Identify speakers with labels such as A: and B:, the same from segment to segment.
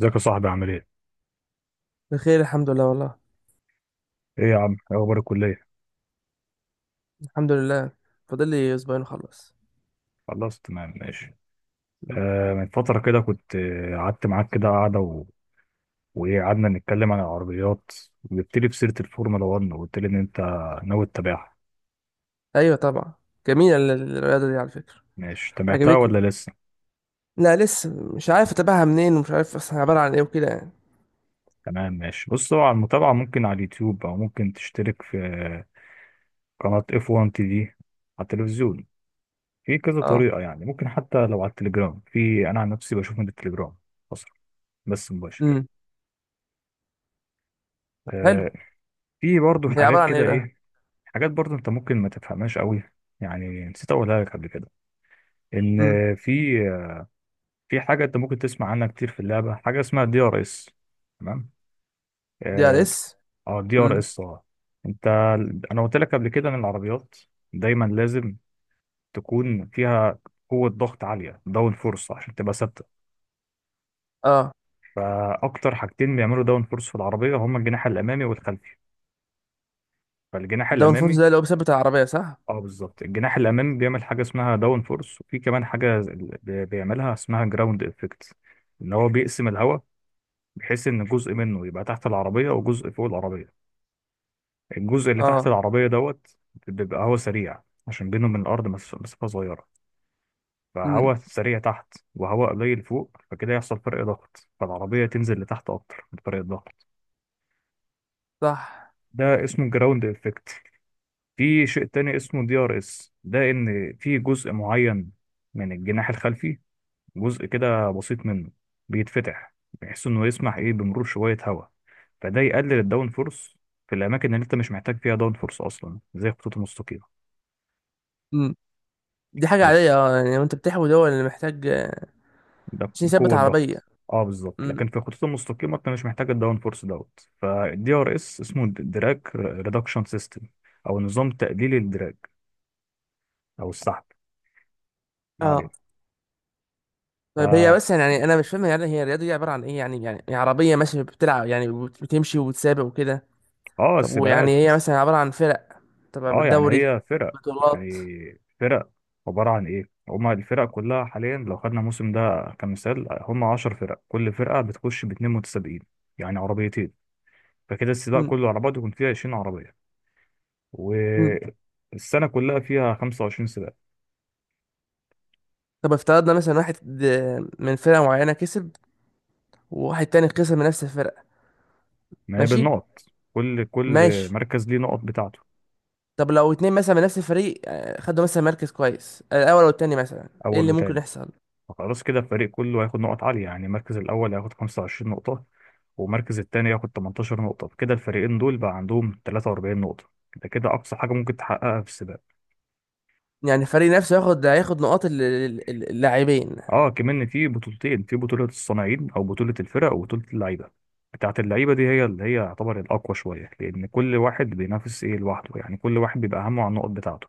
A: ازيك يا صاحبي؟ عامل ايه؟
B: بخير، الحمد لله والله.
A: ايه يا عم؟ ايه اخبار الكلية؟
B: الحمد لله. فاضل لي اسبوعين وخلص.
A: خلاص، تمام، ماشي.
B: مم.
A: آه، من فترة كده كنت قعدت معاك كده قعدة وايه، قعدنا نتكلم عن العربيات، وجبت لي بسيرة الفورمولا 1 وقلت لي ان انت ناوي تتابعها.
B: ايوه، طبعا. جميله الرياضه دي على فكره.
A: ماشي، تابعتها ولا
B: عجبتني.
A: لسه؟
B: لا، لسه. مش عارف اتابعها منين، ومش عارف اصلا عباره عن ايه وكده يعني.
A: تمام ماشي. بص، هو على المتابعة ممكن على اليوتيوب او ممكن تشترك في قناة اف 1 تي في على التلفزيون. في كذا
B: اه.
A: طريقة يعني، ممكن حتى لو على التليجرام. في، انا عن نفسي بشوف من التليجرام اصلا، بس مباشر.
B: امم. طب، حلو.
A: آه، في برضه
B: هي
A: حاجات
B: عباره عن
A: كده
B: ايه بقى؟
A: ايه، حاجات برضه انت ممكن ما تفهمهاش قوي. يعني نسيت اقولها لك قبل كده، ان
B: امم.
A: في في حاجه انت ممكن تسمع عنها كتير في اللعبه، حاجه اسمها دي ار اس، تمام.
B: DRS.
A: اه دي
B: امم.
A: ار اس اه. انت، انا قلت لك قبل كده ان العربيات دايما لازم تكون فيها قوه ضغط عاليه، داون فورس، عشان تبقى ثابته.
B: اه.
A: فاكتر حاجتين بيعملوا داون فورس في العربيه هما الجناح الامامي والخلفي. فالجناح
B: داون فورس
A: الامامي
B: ده اللي هو بيثبت العربيه، صح؟
A: اه بالظبط، الجناح الامامي بيعمل حاجه اسمها داون فورس، وفي كمان حاجه بيعملها اسمها جراوند افكت، ان هو بيقسم الهواء بحيث ان جزء منه يبقى تحت العربيه وجزء فوق العربيه. الجزء اللي تحت
B: اه.
A: العربيه دوت بيبقى هوا سريع، عشان بينه من الارض مسافه صغيره،
B: امم.
A: فهوا سريع تحت وهواء قليل فوق، فكده يحصل فرق ضغط، فالعربيه تنزل لتحت اكتر من فرق الضغط.
B: صح.
A: ده اسمه جراوند افكت. في شيء تاني اسمه دي ار اس، ده ان في جزء معين من الجناح الخلفي، جزء كده بسيط منه بيتفتح بحيث انه يسمح ايه بمرور شوية هواء، فده يقلل الداون فورس في الاماكن اللي انت مش محتاج فيها داون فورس اصلا، زي الخطوط المستقيمة.
B: امم. دي حاجه
A: بس
B: عاديه، اه يعني، وانت بتحوي دول اللي محتاج
A: ده
B: عشان يثبت
A: قوة
B: عربيه.
A: ضغط، اه بالظبط. لكن
B: امم.
A: في الخطوط المستقيمة انت مش محتاج الداون فورس دوت، فالدي ار اس اسمه دراج ريدكشن سيستم، او نظام تقليل الدراج او السحب. ما علينا.
B: اه.
A: ف
B: طيب، هي بس يعني انا مش فاهم يعني، هي الرياضه دي عباره عن ايه يعني هي عربيه ماشيه بتلعب يعني، بتمشي وتسابق وكده.
A: اه،
B: طب، ويعني
A: السباقات.
B: هي مثلا عباره عن فرق؟
A: اه
B: طب،
A: يعني
B: دوري؟
A: هي فرق، يعني
B: بطولات؟
A: فرق عبارة عن ايه. هما الفرق كلها حاليا لو خدنا الموسم ده كمثال هما عشر فرق، كل فرقة بتخش باتنين متسابقين يعني عربيتين، فكده السباق
B: مم.
A: كله على بعضه يكون فيه عشرين عربية.
B: مم.
A: والسنة كلها فيها خمسة وعشرين سباق.
B: طب، افترضنا مثلا واحد من فرقه معينه كسب، وواحد تاني خسر من نفس الفرقه.
A: ما هي
B: ماشي.
A: بالنقط، كل
B: ماشي.
A: مركز ليه نقط بتاعته.
B: طب لو اتنين مثلا من نفس الفريق، خدوا مثلا مركز كويس الاول والتاني، مثلا ايه
A: أول
B: اللي ممكن
A: وتاني،
B: يحصل؟
A: فخلاص كده الفريق كله هياخد نقط عالية، يعني المركز الأول هياخد 25 نقطة والمركز التاني ياخد 18 نقطة، كده الفريقين دول بقى عندهم 43 نقطة. ده كده أقصى حاجة ممكن تحققها في السباق.
B: يعني الفريق نفسه هياخد نقاط اللاعبين.
A: اه كمان في بطولتين، في بطولة الصناعين أو بطولة الفرق، وبطولة اللعيبة. بتاعة اللعيبة دي هي اللي هي يعتبر الأقوى شوية، لأن كل واحد بينافس إيه لوحده، يعني كل واحد بيبقى همه على النقط بتاعته.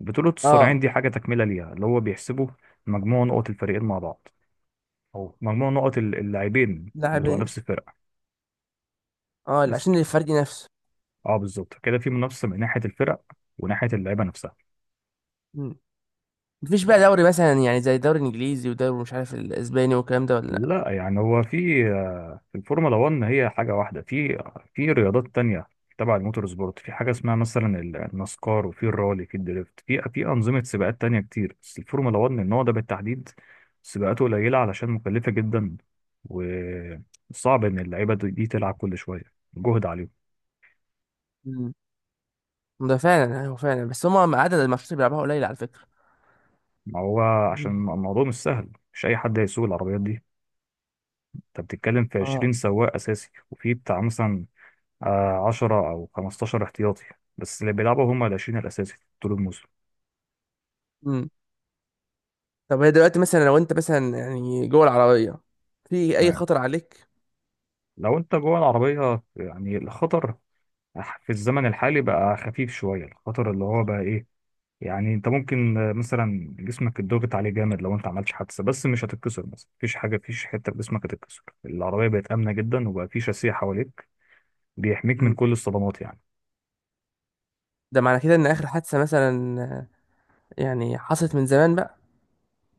A: بطولة الصناعين
B: اه.
A: دي حاجة تكملة ليها، اللي هو بيحسبوا مجموع نقط الفريقين مع بعض، أو مجموع نقط اللاعبين بتوع
B: لاعبين.
A: نفس الفرقة
B: اه،
A: بس.
B: عشان الفريق نفسه.
A: اه بالظبط كده في منافسه من ناحيه الفرق وناحيه اللعيبه نفسها.
B: مفيش بقى
A: ماشي،
B: دوري مثلا، يعني زي الدوري الانجليزي والدوري مش عارف الاسباني والكلام ده، ولا لا؟
A: لا يعني هو في، في الفورمولا 1 هي حاجه واحده، في في رياضات تانية تبع الموتور سبورت في حاجه اسمها مثلا النسكار، وفي الرالي، في الدريفت، في انظمه سباقات تانية كتير. بس الفورمولا 1 النوع ده بالتحديد سباقاته قليله علشان مكلفه جدا، وصعب ان اللعيبه دي تلعب كل شويه، جهد عليهم.
B: مم. ده فعلا، ايوه فعلا، بس هما عدد الماتشات اللي بيلعبوها قليل على فكره.
A: ما هو عشان
B: مم.
A: الموضوع مش سهل، مش اي حد هيسوق العربيات دي. انت بتتكلم في
B: اه.
A: 20 سواق اساسي، وفي بتاع مثلا 10 او 15 احتياطي. بس اللي بيلعبوا هم ال 20 الاساسي طول الموسم.
B: مم. طب هي دلوقتي مثلا، لو انت مثلا يعني جوه العربيه، في اي
A: تمام،
B: خطر عليك؟
A: لو انت جوه العربيه يعني الخطر، في الزمن الحالي بقى خفيف شويه. الخطر اللي هو بقى ايه، يعني انت ممكن مثلا جسمك اتضغط عليه جامد لو انت عملتش حادثه، بس مش هتتكسر. مثلا مفيش حاجه، مفيش حته في جسمك هتتكسر. العربيه بقت امنه جدا، وبقى في شاسيه حواليك بيحميك من
B: مم.
A: كل الصدمات يعني.
B: ده معنى كده ان اخر حادثه مثلا، آه، يعني حصلت من زمان بقى؟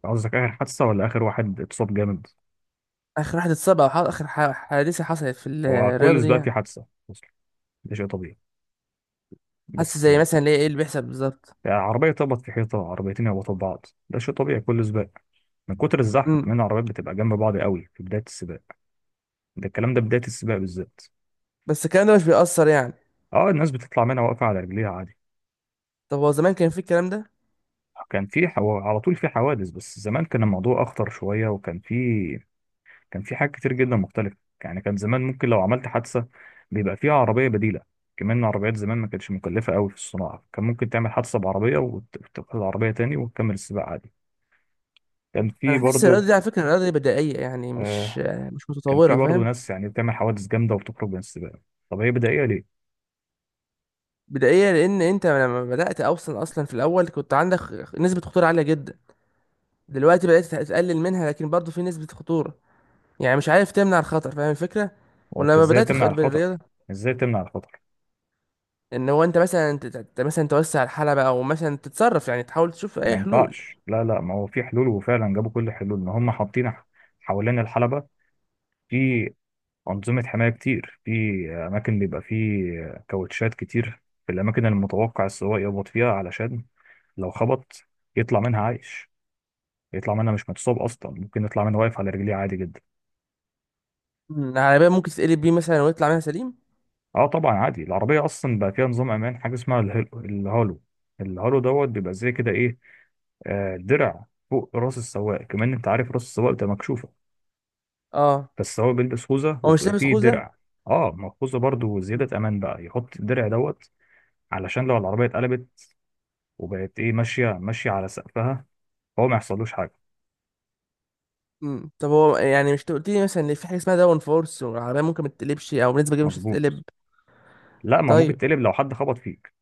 A: قصدك اخر حادثه ولا اخر واحد اتصاب جامد؟
B: اخر واحد اتصاب، او اخر حادثه حصلت في
A: هو
B: الرياضه
A: كل
B: دي
A: سباق في
B: يعني؟
A: حادثة أصلا، ده شيء طبيعي.
B: حاسس
A: بس
B: زي مثلا اللي هي، ايه اللي بيحصل بالظبط؟
A: عربية تخبط في حيطة، عربيتين يخبطوا في بعض، ده شيء طبيعي كل سباق. من كتر الزحمة
B: مم.
A: كمان العربيات بتبقى جنب بعض قوي في بداية السباق، ده الكلام ده بداية السباق بالذات.
B: بس الكلام ده مش بيأثر يعني؟
A: اه، الناس بتطلع منها واقفة على رجليها عادي.
B: طب هو زمان كان في الكلام ده؟
A: كان في على طول في حوادث، بس زمان كان الموضوع أخطر شوية، وكان في كان في حاجات كتير جدا مختلفة. يعني كان زمان ممكن لو عملت حادثة بيبقى فيها عربية بديلة، كمان العربيات زمان ما كانتش مكلفة قوي في الصناعة، كان ممكن تعمل حادثة بعربية وتاخد العربية تاني وتكمل السباق عادي. كان في
B: انا حاسس
A: برضو
B: الرياضه دي على فكره، الرياضه دي بدائيه يعني، مش
A: آه
B: مش
A: كان في
B: متطوره،
A: برضو
B: فاهم؟
A: ناس يعني بتعمل حوادث جامدة وبتخرج من السباق. طب هي بدائية ليه؟
B: بدائيه لان انت لما بدات اصلا اصلا في الاول كنت عندك نسبه خطوره عاليه جدا. دلوقتي بدات تقلل منها، لكن برضه في نسبه خطوره، يعني مش عارف تمنع الخطر، فاهم الفكره؟
A: هو انت
B: ولما
A: ازاي
B: بدات
A: تمنع الخطر؟
B: بالرياضه،
A: ازاي تمنع الخطر؟
B: ان هو انت مثلا مثلا توسع الحلبه، او مثلا تتصرف يعني، تحاول تشوف
A: ما
B: اي حلول.
A: ينفعش، لا لا، ما هو في حلول وفعلا جابوا كل الحلول، ان هم حاطين حوالين الحلبة في أنظمة حماية كتير، في أماكن بيبقى فيه كاوتشات كتير في الأماكن المتوقع السواق يخبط فيها، علشان لو خبط يطلع منها عايش، يطلع منها مش متصاب، أصلا ممكن يطلع منها واقف على رجليه عادي جدا.
B: مم. العربيه ممكن تتقلب بيه مثلا ويطلع منها سليم؟
A: اه طبعا عادي، العربية اصلا بقى فيها نظام امان، حاجة اسمها الهالو. الهالو دوت بيبقى زي كده ايه، آه، درع فوق راس السواق. كمان انت عارف راس السواق بتبقى مكشوفة،
B: اه.
A: فالسواق بيلبس خوذة
B: هو مش
A: وبيبقى
B: لابس
A: فيه
B: خوذه؟
A: درع. اه ما الخوذة برضه زيادة امان، بقى يحط الدرع دوت علشان لو العربية اتقلبت وبقت ايه ماشية ماشية على سقفها هو ما يحصلوش حاجة.
B: مم. طب هو يعني مش قلت لي مثلا ان في حاجه اسمها داون فورس، والعربيه ممكن ما تتقلبش، او بنسبه كبيره مش
A: مظبوط،
B: هتتقلب؟
A: لا ما
B: طيب،
A: ممكن تقلب لو حد خبط فيك.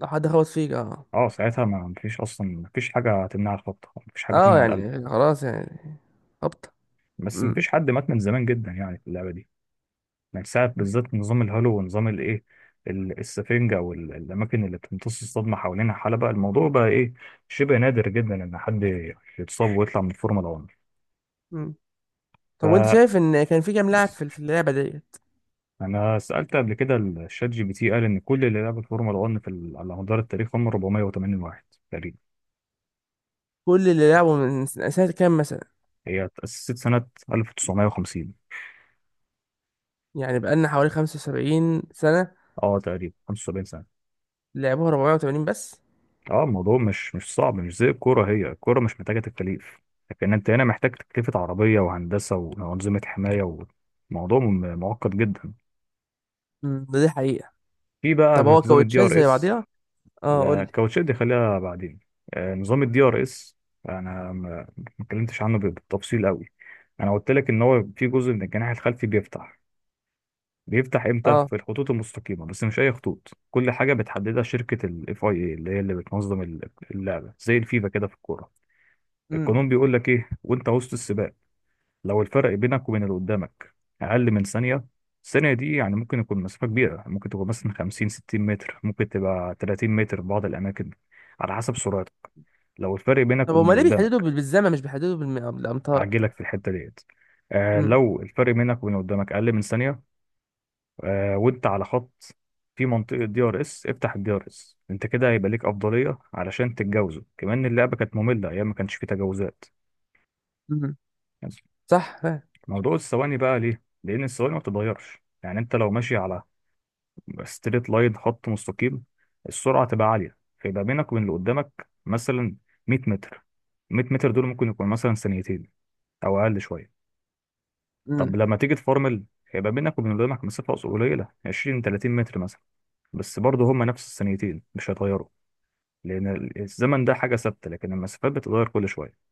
B: لو حد خبط فيك، اه.
A: اه ساعتها ما مفيش اصلا، مفيش حاجة تمنع الخبطة، مفيش حاجة
B: اه
A: تمنع القلب.
B: يعني، خلاص يعني، هبطه.
A: بس
B: امم.
A: مفيش حد مات من زمان جدا يعني في اللعبة دي، من ساعة بالذات نظام الهالو ونظام الايه، السفنجة او الاماكن اللي بتمتص الصدمة حوالينها حلبة. الموضوع بقى ايه شبه نادر جدا ان حد يتصاب ويطلع من الفورمولا 1.
B: امم.
A: ف
B: طب، وانت شايف ان كان في كام لاعب في اللعبه ديت؟
A: انا سألت قبل كده الشات جي بي تي، قال ان كل اللي لعبوا الفورمولا 1 على مدار التاريخ هم 480 واحد تقريبا.
B: كل اللي لعبوا من سنة كام مثلا؟
A: هي اتأسست سنة 1950،
B: يعني بقالنا حوالي 75 سنه.
A: اه تقريبا 75 سنة.
B: لعبوها 480 بس؟
A: اه الموضوع مش صعب، مش زي الكوره، هي الكوره مش محتاجه تكاليف، لكن انت هنا محتاج تكلفه عربيه وهندسه وانظمه حمايه، وموضوع معقد جدا.
B: ده، دي حقيقه.
A: في بقى
B: طب
A: في
B: هو
A: نظام الدي
B: كاوتشات
A: ار
B: زي
A: اس.
B: بعضيها؟ اه قول
A: لا
B: لي.
A: الكاوتشات دي خليها بعدين. نظام الدي ار اس، انا ما اتكلمتش عنه بالتفصيل قوي. انا قلت لك ان هو في جزء من الجناح الخلفي بيفتح. بيفتح امتى؟
B: اه.
A: في الخطوط المستقيمه، بس مش اي خطوط، كل حاجه بتحددها شركه الاف اي اي، اللي هي اللي بتنظم اللعبه زي الفيفا كده في الكوره.
B: امم.
A: القانون بيقول لك ايه، وانت وسط السباق لو الفرق بينك وبين اللي قدامك اقل من ثانيه. الثانيه دي يعني ممكن يكون مسافه كبيره، ممكن تكون مثلا 50 60 متر، ممكن تبقى 30 متر في بعض الاماكن على حسب سرعتك. لو الفرق بينك
B: طب
A: وبين
B: هما
A: اللي
B: ليه بيحددوا
A: قدامك،
B: بالزمن، مش بيحددوا بالامتار؟
A: هعجلك في الحته ديت. آه
B: امم.
A: لو الفرق بينك وبين اللي قدامك اقل من ثانيه، آه وانت على خط في منطقه دي ار اس افتح الدي ار اس، انت كده هيبقى ليك افضليه علشان تتجاوزه. كمان اللعبه كانت ممله ايام ما كانش فيه تجاوزات.
B: امم. صح.
A: موضوع الثواني بقى ليه؟ لأن الثواني ما بتتغيرش. يعني أنت لو ماشي على ستريت لاين، خط مستقيم، السرعة تبقى عالية، فيبقى بينك وبين اللي قدامك مثلا 100 متر. 100 متر دول ممكن يكون مثلا ثانيتين أو أقل شوية. طب
B: فاهم.
A: لما تيجي تفورمل هيبقى بينك وبين اللي قدامك مسافة قليلة، 20 30 متر مثلا، بس برضه هما نفس الثانيتين مش هيتغيروا، لأن الزمن ده حاجة ثابتة لكن المسافات بتتغير كل شوية.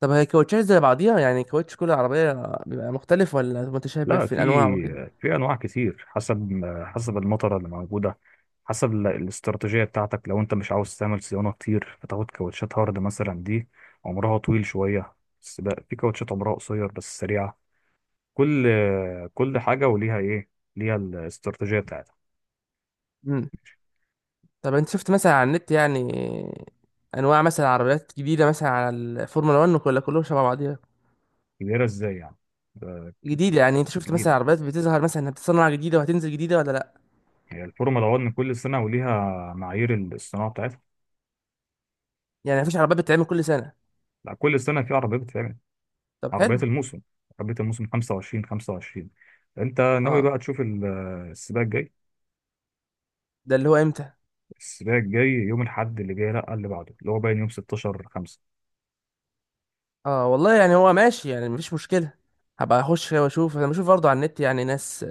B: طب هي كاوتشات زي بعضيها، يعني كاوتش كل عربية بيبقى مختلف ولا متشابه
A: لا
B: في
A: في،
B: الأنواع وكده؟
A: في انواع كتير حسب المطره اللي موجوده، حسب الاستراتيجيه بتاعتك. لو انت مش عاوز تعمل صيانه كتير فتاخد كاوتشات هارد مثلا، دي عمرها طويل شويه، بس بقى في كاوتشات عمرها قصير بس سريعه. كل كل حاجه وليها ايه، ليها الاستراتيجيه بتاعتها.
B: مم. طب أنت شفت مثلا على النت، يعني أنواع مثلا عربيات جديدة مثلا على الفورمولا 1، ولا كلهم شبه بعضيها؟
A: كبيره ازاي يعني؟ ده
B: جديدة يعني، أنت شفت مثلا
A: جديده.
B: عربيات بتظهر مثلا إنها بتصنع جديدة وهتنزل جديدة، ولا لأ؟
A: هي الفورمولا 1 كل سنه وليها معايير الصناعه بتاعتها.
B: يعني مفيش عربيات بتتعمل كل سنة؟
A: لا كل سنه في عربيه بتتعمل.
B: طب،
A: عربيات
B: حلو.
A: الموسم، عربية الموسم 25 25. انت ناوي
B: أه.
A: بقى تشوف السباق الجاي؟
B: ده اللي هو إمتى؟
A: السباق الجاي يوم الأحد اللي جاي، لا اللي بعده، اللي هو باين يوم 16 5.
B: أه والله، يعني هو ماشي، يعني مفيش مشكلة. هبقى اخش كده واشوف، انا بشوف برضه على النت يعني ناس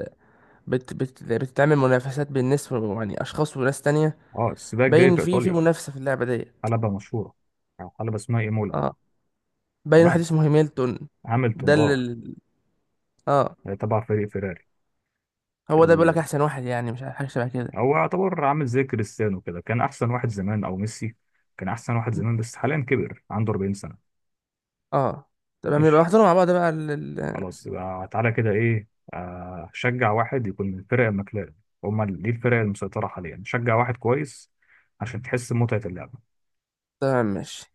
B: بت بت بتعمل منافسات بين ناس يعني اشخاص وناس تانية.
A: اه السباق الجاي
B: باين
A: في
B: في
A: ايطاليا،
B: منافسة في اللعبة دي.
A: حلبة مشهورة، او حلبة اسمها ايمولا.
B: اه. باين واحد
A: تمام،
B: اسمه هيميلتون.
A: هاملتون
B: ده اللي
A: اه،
B: اه.
A: تبع فريق فيراري.
B: هو ده بيقول لك
A: ال...
B: احسن واحد، يعني مش عارف، حاجة شبه كده.
A: هو يعتبر عامل زي كريستيانو كده، كان احسن واحد زمان، او ميسي كان احسن واحد زمان، بس حاليا كبر عنده 40 سنة.
B: اه. تمام، يبقى
A: ماشي،
B: نحضره مع بعض بقى ال-
A: خلاص يبقى تعالى كده ايه، شجع واحد يكون من الفرق المكلاه، هما دي الفرق المسيطرة حاليا، شجع واحد كويس عشان تحس بمتعة اللعبة.
B: تمام، ماشي.